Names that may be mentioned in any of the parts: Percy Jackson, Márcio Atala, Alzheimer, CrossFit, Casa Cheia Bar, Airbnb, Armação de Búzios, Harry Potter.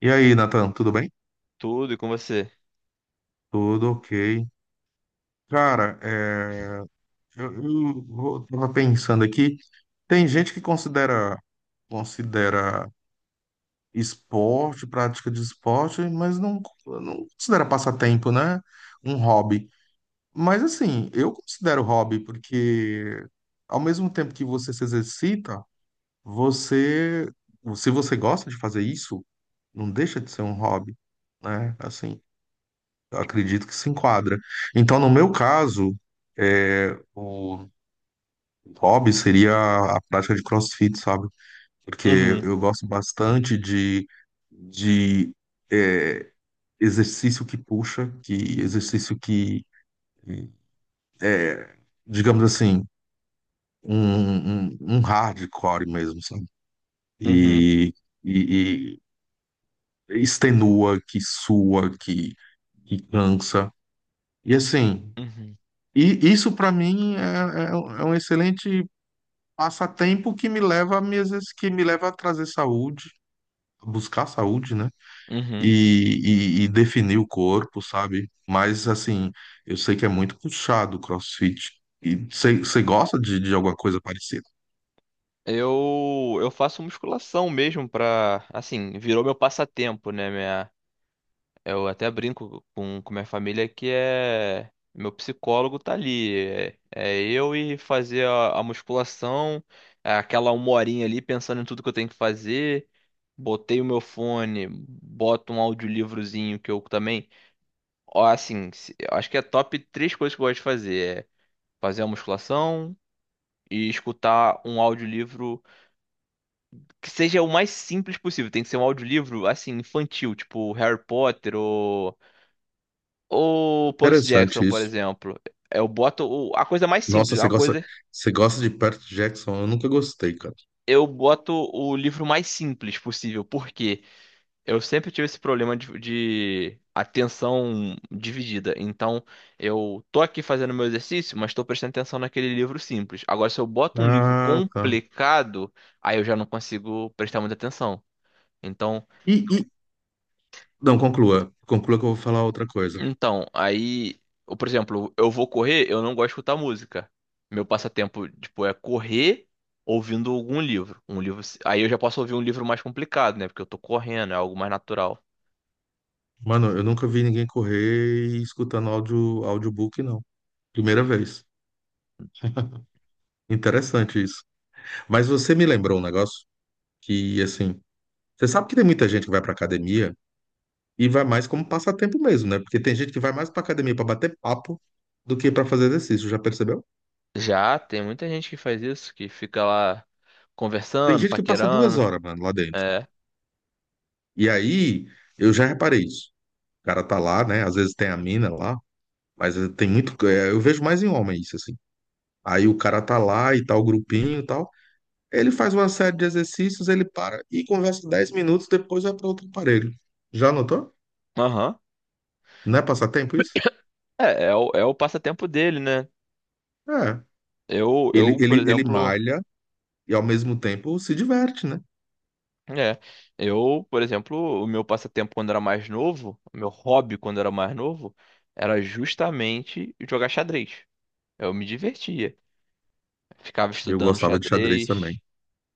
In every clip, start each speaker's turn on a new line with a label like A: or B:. A: E aí, Nathan, tudo bem?
B: Tudo e com você?
A: Tudo ok. Cara, eu tava pensando aqui. Tem gente que considera esporte, prática de esporte, mas não, não considera passatempo, né? Um hobby. Mas assim, eu considero hobby porque ao mesmo tempo que você se exercita, você, se você gosta de fazer isso, não deixa de ser um hobby, né? Assim, acredito que se enquadra. Então, no meu caso, o hobby seria a prática de CrossFit, sabe? Porque
B: Uhum,
A: eu gosto bastante de é, exercício que puxa, que exercício que é, digamos assim, um hardcore mesmo, sabe?
B: uhum,
A: E, e, e extenua, que sua, que cansa. E assim,
B: uhum,
A: e isso para mim é, é um excelente passatempo que me leva a trazer saúde, a buscar saúde, né?
B: uhum.
A: E definir o corpo, sabe? Mas assim, eu sei que é muito puxado o CrossFit. E você gosta de alguma coisa parecida?
B: Eu faço musculação mesmo pra, assim, virou meu passatempo, né? Minha, eu até brinco com minha família que é, meu psicólogo tá ali. É eu e fazer a musculação, é aquela uma horinha ali pensando em tudo que eu tenho que fazer. Botei o meu fone, boto um audiolivrozinho que eu também, ó, assim, eu acho que é top três coisas que eu gosto de fazer. É fazer a musculação e escutar um audiolivro que seja o mais simples possível. Tem que ser um audiolivro assim infantil, tipo Harry Potter ou Percy Jackson,
A: Interessante
B: por
A: isso.
B: exemplo. Eu boto a coisa mais
A: Nossa,
B: simples,
A: você
B: uma
A: gosta,
B: coisa
A: você gosta de Perth Jackson? Eu nunca gostei, cara.
B: eu boto o livro mais simples possível, porque eu sempre tive esse problema de atenção dividida. Então, eu tô aqui fazendo meu exercício, mas tô prestando atenção naquele livro simples. Agora, se eu boto um livro
A: Ah, tá.
B: complicado, aí eu já não consigo prestar muita atenção. Então,
A: E, e- não, conclua. Conclua que eu vou falar outra coisa.
B: Então, aí, ou, por exemplo, eu vou correr, eu não gosto de escutar música. Meu passatempo, tipo, é correr ouvindo algum livro. Um livro, aí eu já posso ouvir um livro mais complicado, né? Porque eu tô correndo, é algo mais natural.
A: Mano, eu nunca vi ninguém correr e escutando áudio, audiobook, não. Primeira vez. Interessante isso. Mas você me lembrou um negócio que, assim, você sabe que tem muita gente que vai pra academia e vai mais como passatempo mesmo, né? Porque tem gente que vai mais pra academia pra bater papo do que pra fazer exercício, já percebeu?
B: Já tem muita gente que faz isso, que fica lá
A: Tem
B: conversando,
A: gente que passa duas
B: paquerando.
A: horas, mano, lá dentro.
B: É.
A: E aí, eu já reparei isso. O cara tá lá, né? Às vezes tem a mina lá, mas tem muito. Eu vejo mais em homem isso, assim. Aí o cara tá lá e tal, o grupinho e tal. Ele faz uma série de exercícios, ele para e conversa 10 minutos, depois vai para outro aparelho. Já notou?
B: Aham.
A: Não é passatempo isso?
B: É o passatempo dele, né?
A: É.
B: Eu,
A: Ele,
B: eu, por
A: ele, ele
B: exemplo.
A: malha e ao mesmo tempo se diverte, né?
B: É, eu, por exemplo, o meu passatempo quando era mais novo, o meu hobby quando era mais novo, era justamente jogar xadrez. Eu me divertia. Ficava
A: Eu
B: estudando
A: gostava de xadrez também.
B: xadrez,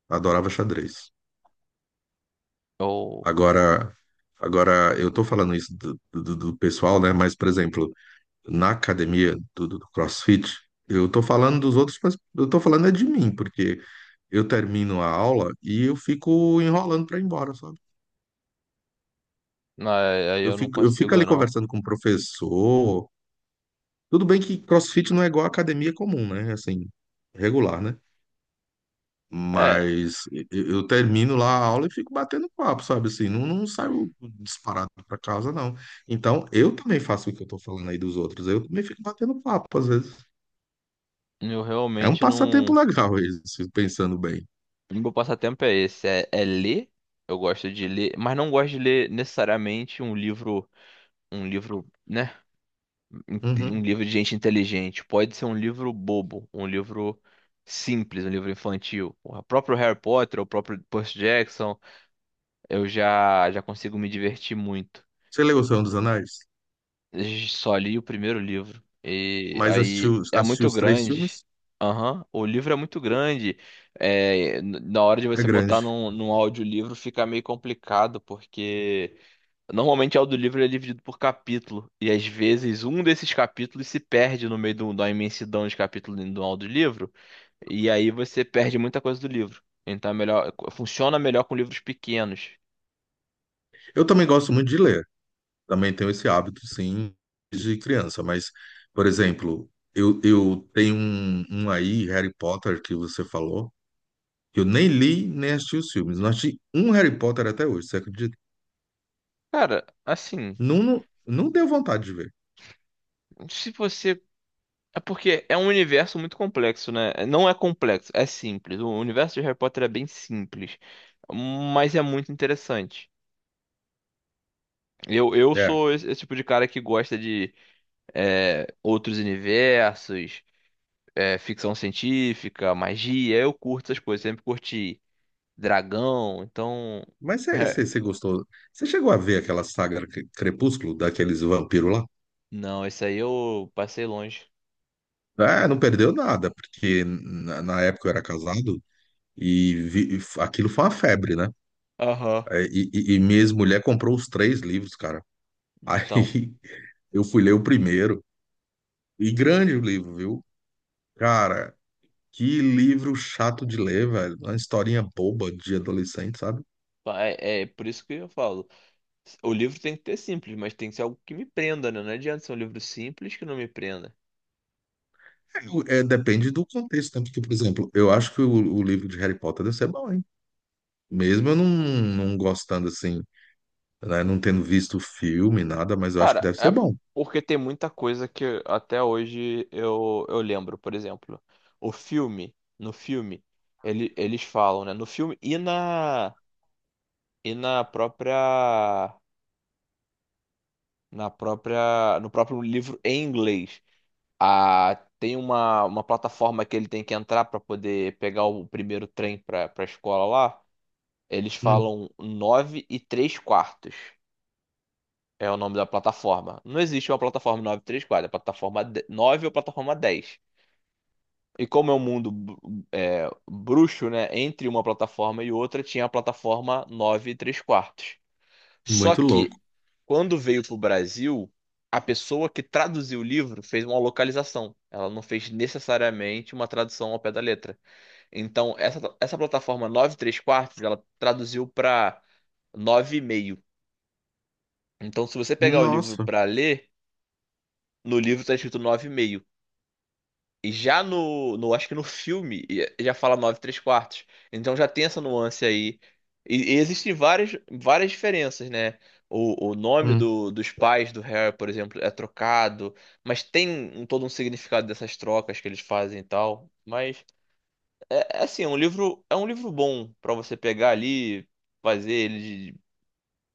A: Adorava xadrez.
B: ou,
A: Agora, agora, eu tô falando isso do pessoal, né? Mas, por exemplo, na academia do CrossFit, eu tô falando dos outros, mas eu tô falando é de mim, porque eu termino a aula e eu fico enrolando para ir embora, sabe?
B: não, aí
A: Eu
B: eu não
A: fico, eu fico
B: consigo,
A: ali
B: não.
A: conversando com o professor. Tudo bem que CrossFit não é igual a academia comum, né? Assim, regular, né?
B: É,
A: Mas eu termino lá a aula e fico batendo papo, sabe? Assim, não, não saio disparado para casa, não. Então, eu também faço o que eu tô falando aí dos outros. Eu também fico batendo papo, às vezes.
B: eu
A: É um
B: realmente
A: passatempo
B: não.
A: legal esse, pensando bem.
B: O meu passatempo é esse, é ler. Eu gosto de ler, mas não gosto de ler necessariamente um livro, né? in- Um
A: Uhum.
B: livro de gente inteligente. Pode ser um livro bobo, um livro simples, um livro infantil. O próprio Harry Potter, o próprio Percy Jackson, eu já consigo me divertir muito.
A: Você leu O Senhor dos Anéis?
B: Eu só li o primeiro livro e
A: Mas
B: aí
A: assistiu,
B: é
A: assistiu
B: muito
A: os três
B: grande.
A: filmes?
B: Aham. O livro é muito grande. É, na hora de
A: É
B: você
A: grande.
B: botar num audiolivro fica meio complicado, porque normalmente é o audiolivro ele é dividido por capítulo, e às vezes um desses capítulos se perde no meio da imensidão de capítulos do audiolivro, e aí você perde muita coisa do livro. Então é melhor, funciona melhor com livros pequenos.
A: Eu também gosto muito de ler. Também tenho esse hábito, sim, de criança, mas, por exemplo, eu tenho um aí, Harry Potter, que você falou, que eu nem li, nem assisti os filmes. Não assisti um Harry Potter até hoje, você acredita?
B: Cara, assim,
A: Não, não, não deu vontade de ver.
B: se você. É porque é um universo muito complexo, né? Não é complexo, é simples. O universo de Harry Potter é bem simples, mas é muito interessante. Eu
A: É,
B: sou esse tipo de cara que gosta de outros universos. Ficção científica, magia, eu curto essas coisas, sempre curti dragão, então.
A: mas você você- você gostou? Você chegou a ver aquela saga Crepúsculo, daqueles vampiros lá?
B: Não, esse aí eu passei longe.
A: É, não perdeu nada, porque na época eu era casado aquilo foi uma febre, né?
B: Aham.
A: E minha ex-mulher comprou os três livros, cara.
B: Então,
A: Aí eu fui ler o primeiro, e grande o livro, viu? Cara, que livro chato de ler, velho. Uma historinha boba de adolescente, sabe?
B: é por isso que eu falo. O livro tem que ter simples, mas tem que ser algo que me prenda, né? Não adianta ser um livro simples que não me prenda.
A: Depende do contexto, né? Porque, por exemplo, eu acho que o livro de Harry Potter deve ser bom, hein? Mesmo eu não, não gostando, assim, né? Não tendo visto o filme, nada, mas eu acho que
B: Cara,
A: deve
B: é
A: ser bom.
B: porque tem muita coisa que até hoje eu lembro. Por exemplo, o filme, no filme, eles falam, né? No filme e no próprio livro em inglês. Ah, tem uma plataforma que ele tem que entrar para poder pegar o primeiro trem para a escola lá. Eles
A: Hum,
B: falam 9 e 3 quartos. É o nome da plataforma. Não existe uma plataforma 9 e 3 quartos, é plataforma 9 ou plataforma dez. E como é um mundo bruxo, né? Entre uma plataforma e outra tinha a plataforma 9 e 3 quartos. Só
A: Muito
B: que
A: louco.
B: quando veio pro Brasil, a pessoa que traduziu o livro fez uma localização. Ela não fez necessariamente uma tradução ao pé da letra. Então, essa plataforma 9 3 quartos, ela traduziu para nove e meio. Então, se você pegar o livro
A: Nossa.
B: para ler, no livro está escrito nove e meio. E já no, acho que no filme, já fala 9 3 quartos. Então já tem essa nuance aí. E existem várias, várias diferenças, né? O nome
A: Hum.
B: dos pais do Harry, por exemplo, é trocado, mas tem um, todo um significado dessas trocas que eles fazem e tal. Mas é assim, é um livro bom pra você pegar ali, fazer ele de-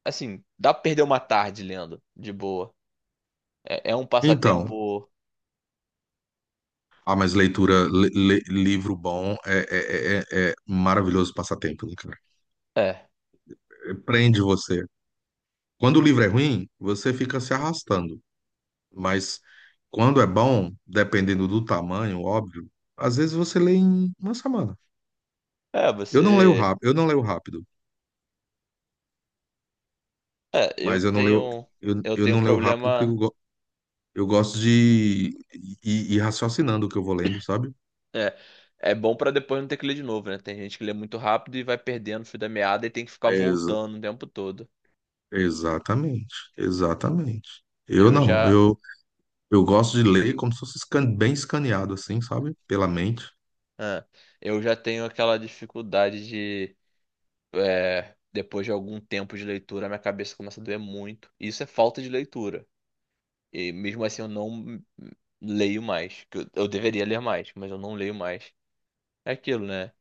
B: assim, dá pra perder uma tarde lendo, de boa. É um
A: Então,
B: passatempo.
A: ah, mas leitura, livro bom é maravilhoso passatempo, né, cara?
B: é,
A: Prende você. Quando o livro é ruim, você fica se arrastando, mas quando é bom, dependendo do tamanho, óbvio, às vezes você lê em uma semana.
B: é
A: Eu não leio
B: você
A: rápido, eu não leio rápido,
B: É, eu
A: mas eu não leio,
B: tenho
A: eu,
B: eu
A: eu
B: tenho
A: não leio rápido porque
B: problema.
A: eu gosto de ir raciocinando o que eu vou lendo, sabe?
B: É, é bom pra depois não ter que ler de novo, né? Tem gente que lê muito rápido e vai perdendo o fio da meada e tem que ficar
A: Ex-
B: voltando o tempo todo.
A: Exatamente, exatamente. Eu
B: Eu
A: não,
B: já,
A: eu gosto de ler como se fosse bem escaneado, assim, sabe? Pela mente.
B: é, eu já tenho aquela dificuldade de depois de algum tempo de leitura, minha cabeça começa a doer muito. E isso é falta de leitura. E mesmo assim eu não leio mais, que eu deveria ler mais, mas eu não leio mais. É aquilo, né?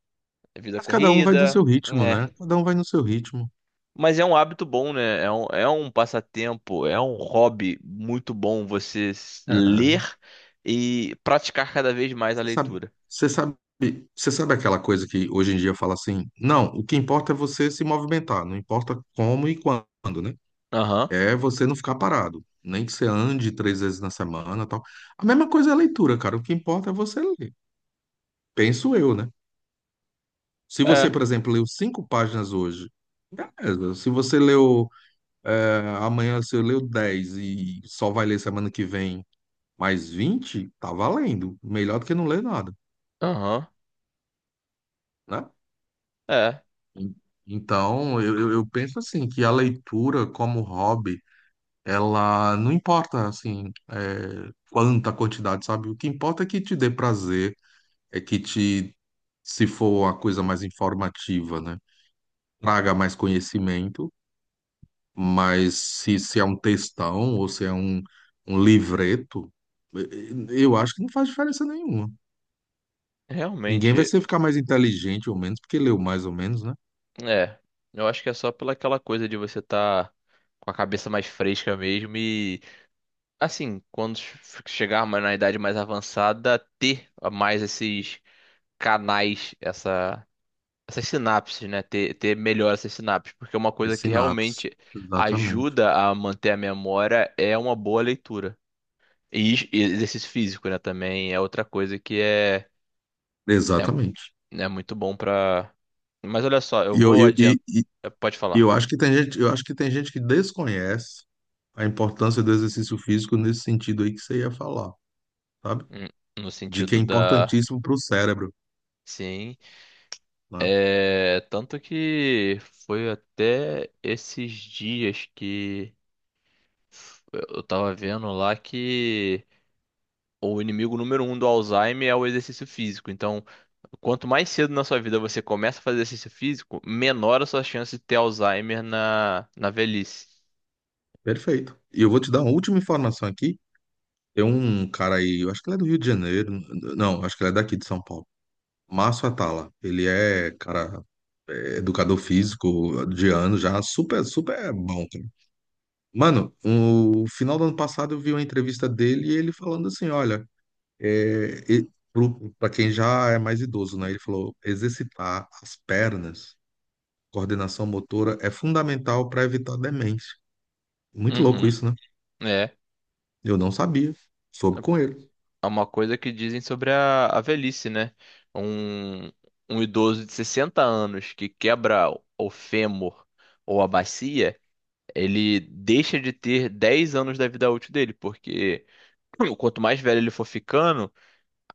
B: É vida
A: Mas cada um vai no
B: corrida.
A: seu ritmo, né? Cada um vai no seu ritmo.
B: Mas é um hábito bom, né? É um passatempo, é um hobby muito bom você
A: É.
B: ler e praticar cada vez mais a
A: Você sabe,
B: leitura.
A: você sabe, você sabe aquela coisa que hoje em dia fala assim, não, o que importa é você se movimentar, não importa como e quando, né?
B: Aham,
A: É você não ficar parado, nem que você ande três vezes na semana, tal. A mesma coisa é a leitura, cara. O que importa é você ler. Penso eu, né? Se você,
B: é,
A: por exemplo, leu cinco páginas hoje, beleza. Se você leu, amanhã você leu 10 e só vai ler semana que vem mais 20, tá valendo. Melhor do que não ler nada.
B: aham,
A: Né?
B: é,
A: En- Então, eu penso assim, que a leitura como hobby, ela não importa, assim, quanta quantidade, sabe? O que importa é que te dê prazer, é que te, se for a coisa mais informativa, né? Traga mais conhecimento, mas se é um textão ou se é um livreto, eu acho que não faz diferença nenhuma. Ninguém vai
B: realmente,
A: ser ficar mais inteligente ou menos, porque leu mais ou menos, né?
B: é. Eu acho que é só pela aquela coisa de você estar com a cabeça mais fresca mesmo e, assim, quando chegar mais na idade mais avançada, ter mais esses canais, essas sinapses, né? Ter melhor essas sinapses, porque é uma
A: É
B: coisa que
A: sinapse.
B: realmente
A: Exatamente.
B: ajuda a manter a memória é uma boa leitura. E exercício físico, né? Também é outra coisa que é,
A: Exatamente.
B: é muito bom pra. Mas olha só, eu
A: E eu,
B: vou
A: eu, e,
B: adiantar.
A: e-
B: Pode
A: e
B: falar.
A: eu acho que tem gente, eu acho que tem gente que desconhece a importância do exercício físico nesse sentido aí que você ia falar, sabe?
B: Hum. No
A: De que é
B: sentido da.
A: importantíssimo para o cérebro,
B: Sim.
A: né?
B: É. Tanto que foi até esses dias que eu tava vendo lá que. O inimigo número 1 do Alzheimer é o exercício físico. Então, quanto mais cedo na sua vida você começa a fazer exercício físico, menor a sua chance de ter Alzheimer na velhice.
A: Perfeito. E eu vou te dar uma última informação aqui. Tem um cara aí, eu acho que ele é do Rio de Janeiro, não, acho que ele é daqui de São Paulo. Márcio Atala, ele é, cara, é educador físico de ano já, super, super bom, cara. Mano, no final do ano passado eu vi uma entrevista dele e ele falando assim, olha, É, para quem já é mais idoso, né? Ele falou: exercitar as pernas, coordenação motora, é fundamental para evitar demência. Muito louco
B: Uhum,
A: isso, né?
B: é.
A: Eu não sabia. Soube com ele.
B: É uma coisa que dizem sobre a velhice, né? Um, um idoso de 60 anos que quebra o fêmur ou a bacia, ele deixa de ter 10 anos da vida útil dele, porque quanto mais velho ele for ficando,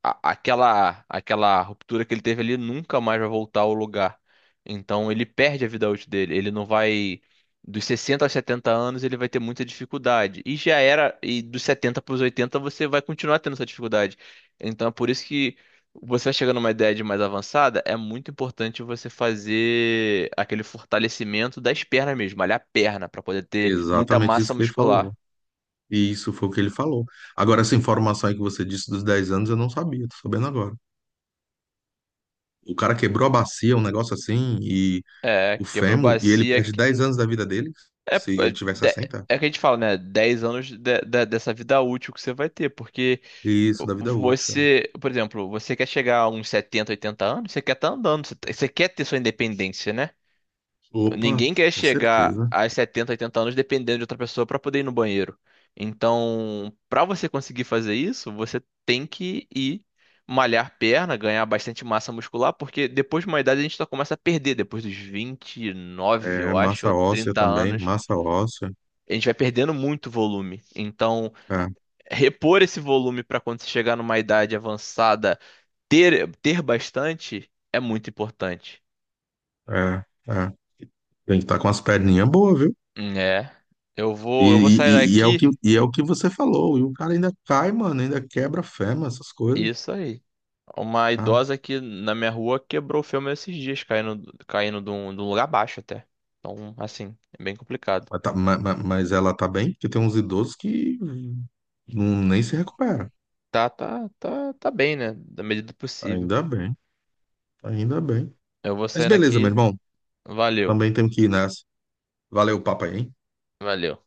B: aquela ruptura que ele teve ali nunca mais vai voltar ao lugar. Então ele perde a vida útil dele. Ele não vai dos 60 aos 70 anos ele vai ter muita dificuldade. E já era e dos 70 para os 80 você vai continuar tendo essa dificuldade. Então é por isso que você vai chegando numa idade mais avançada, é muito importante você fazer aquele fortalecimento das pernas mesmo, malhar a perna para poder ter muita
A: Exatamente isso
B: massa
A: que ele
B: muscular.
A: falou. E isso foi o que ele falou. Agora, essa informação aí que você disse dos 10 anos, eu não sabia, tô sabendo agora. O cara quebrou a bacia, um negócio assim, e
B: É,
A: o
B: quebrou
A: fêmur, e ele
B: bacia.
A: perde 10 anos da vida dele,
B: É,
A: se ele
B: é,
A: tiver
B: de-
A: 60.
B: é que a gente fala, né? 10 anos dessa vida útil que você vai ter, porque
A: Isso, da vida útil. É.
B: você, por exemplo, você quer chegar a uns 70, 80 anos, você quer estar andando, você, tá, você quer ter sua independência, né?
A: Opa,
B: Ninguém quer
A: com
B: chegar
A: certeza.
B: aos 70, 80 anos dependendo de outra pessoa para poder ir no banheiro. Então, para você conseguir fazer isso, você tem que ir malhar perna, ganhar bastante massa muscular, porque depois de uma idade a gente só começa a perder, depois dos 29
A: É,
B: eu acho,
A: massa
B: ou
A: óssea
B: 30
A: também,
B: anos
A: massa óssea.
B: a gente vai perdendo muito volume. Então,
A: É,
B: repor esse volume para quando você chegar numa idade avançada, ter bastante é muito importante.
A: é, é. Tem que estar com as perninhas boas, viu?
B: É. Eu
A: E,
B: vou, eu vou
A: e,
B: sair
A: e- e é o que,
B: daqui.
A: e é o que você falou. E o cara ainda cai, mano, ainda quebra fêmur, essas coisas.
B: Isso aí. Uma
A: Tá?
B: idosa aqui na minha rua quebrou o filme esses dias, caindo, caindo de um lugar baixo até. Então, assim, é bem complicado.
A: Mas ela tá bem, porque tem uns idosos que não, nem se recupera.
B: Tá, tá, tá, tá bem, né? Da medida do possível.
A: Ainda bem, ainda bem.
B: Eu vou
A: Mas
B: saindo
A: beleza, meu
B: aqui.
A: irmão.
B: Valeu,
A: Também tenho que ir nessa. Valeu o papo aí, hein?
B: valeu.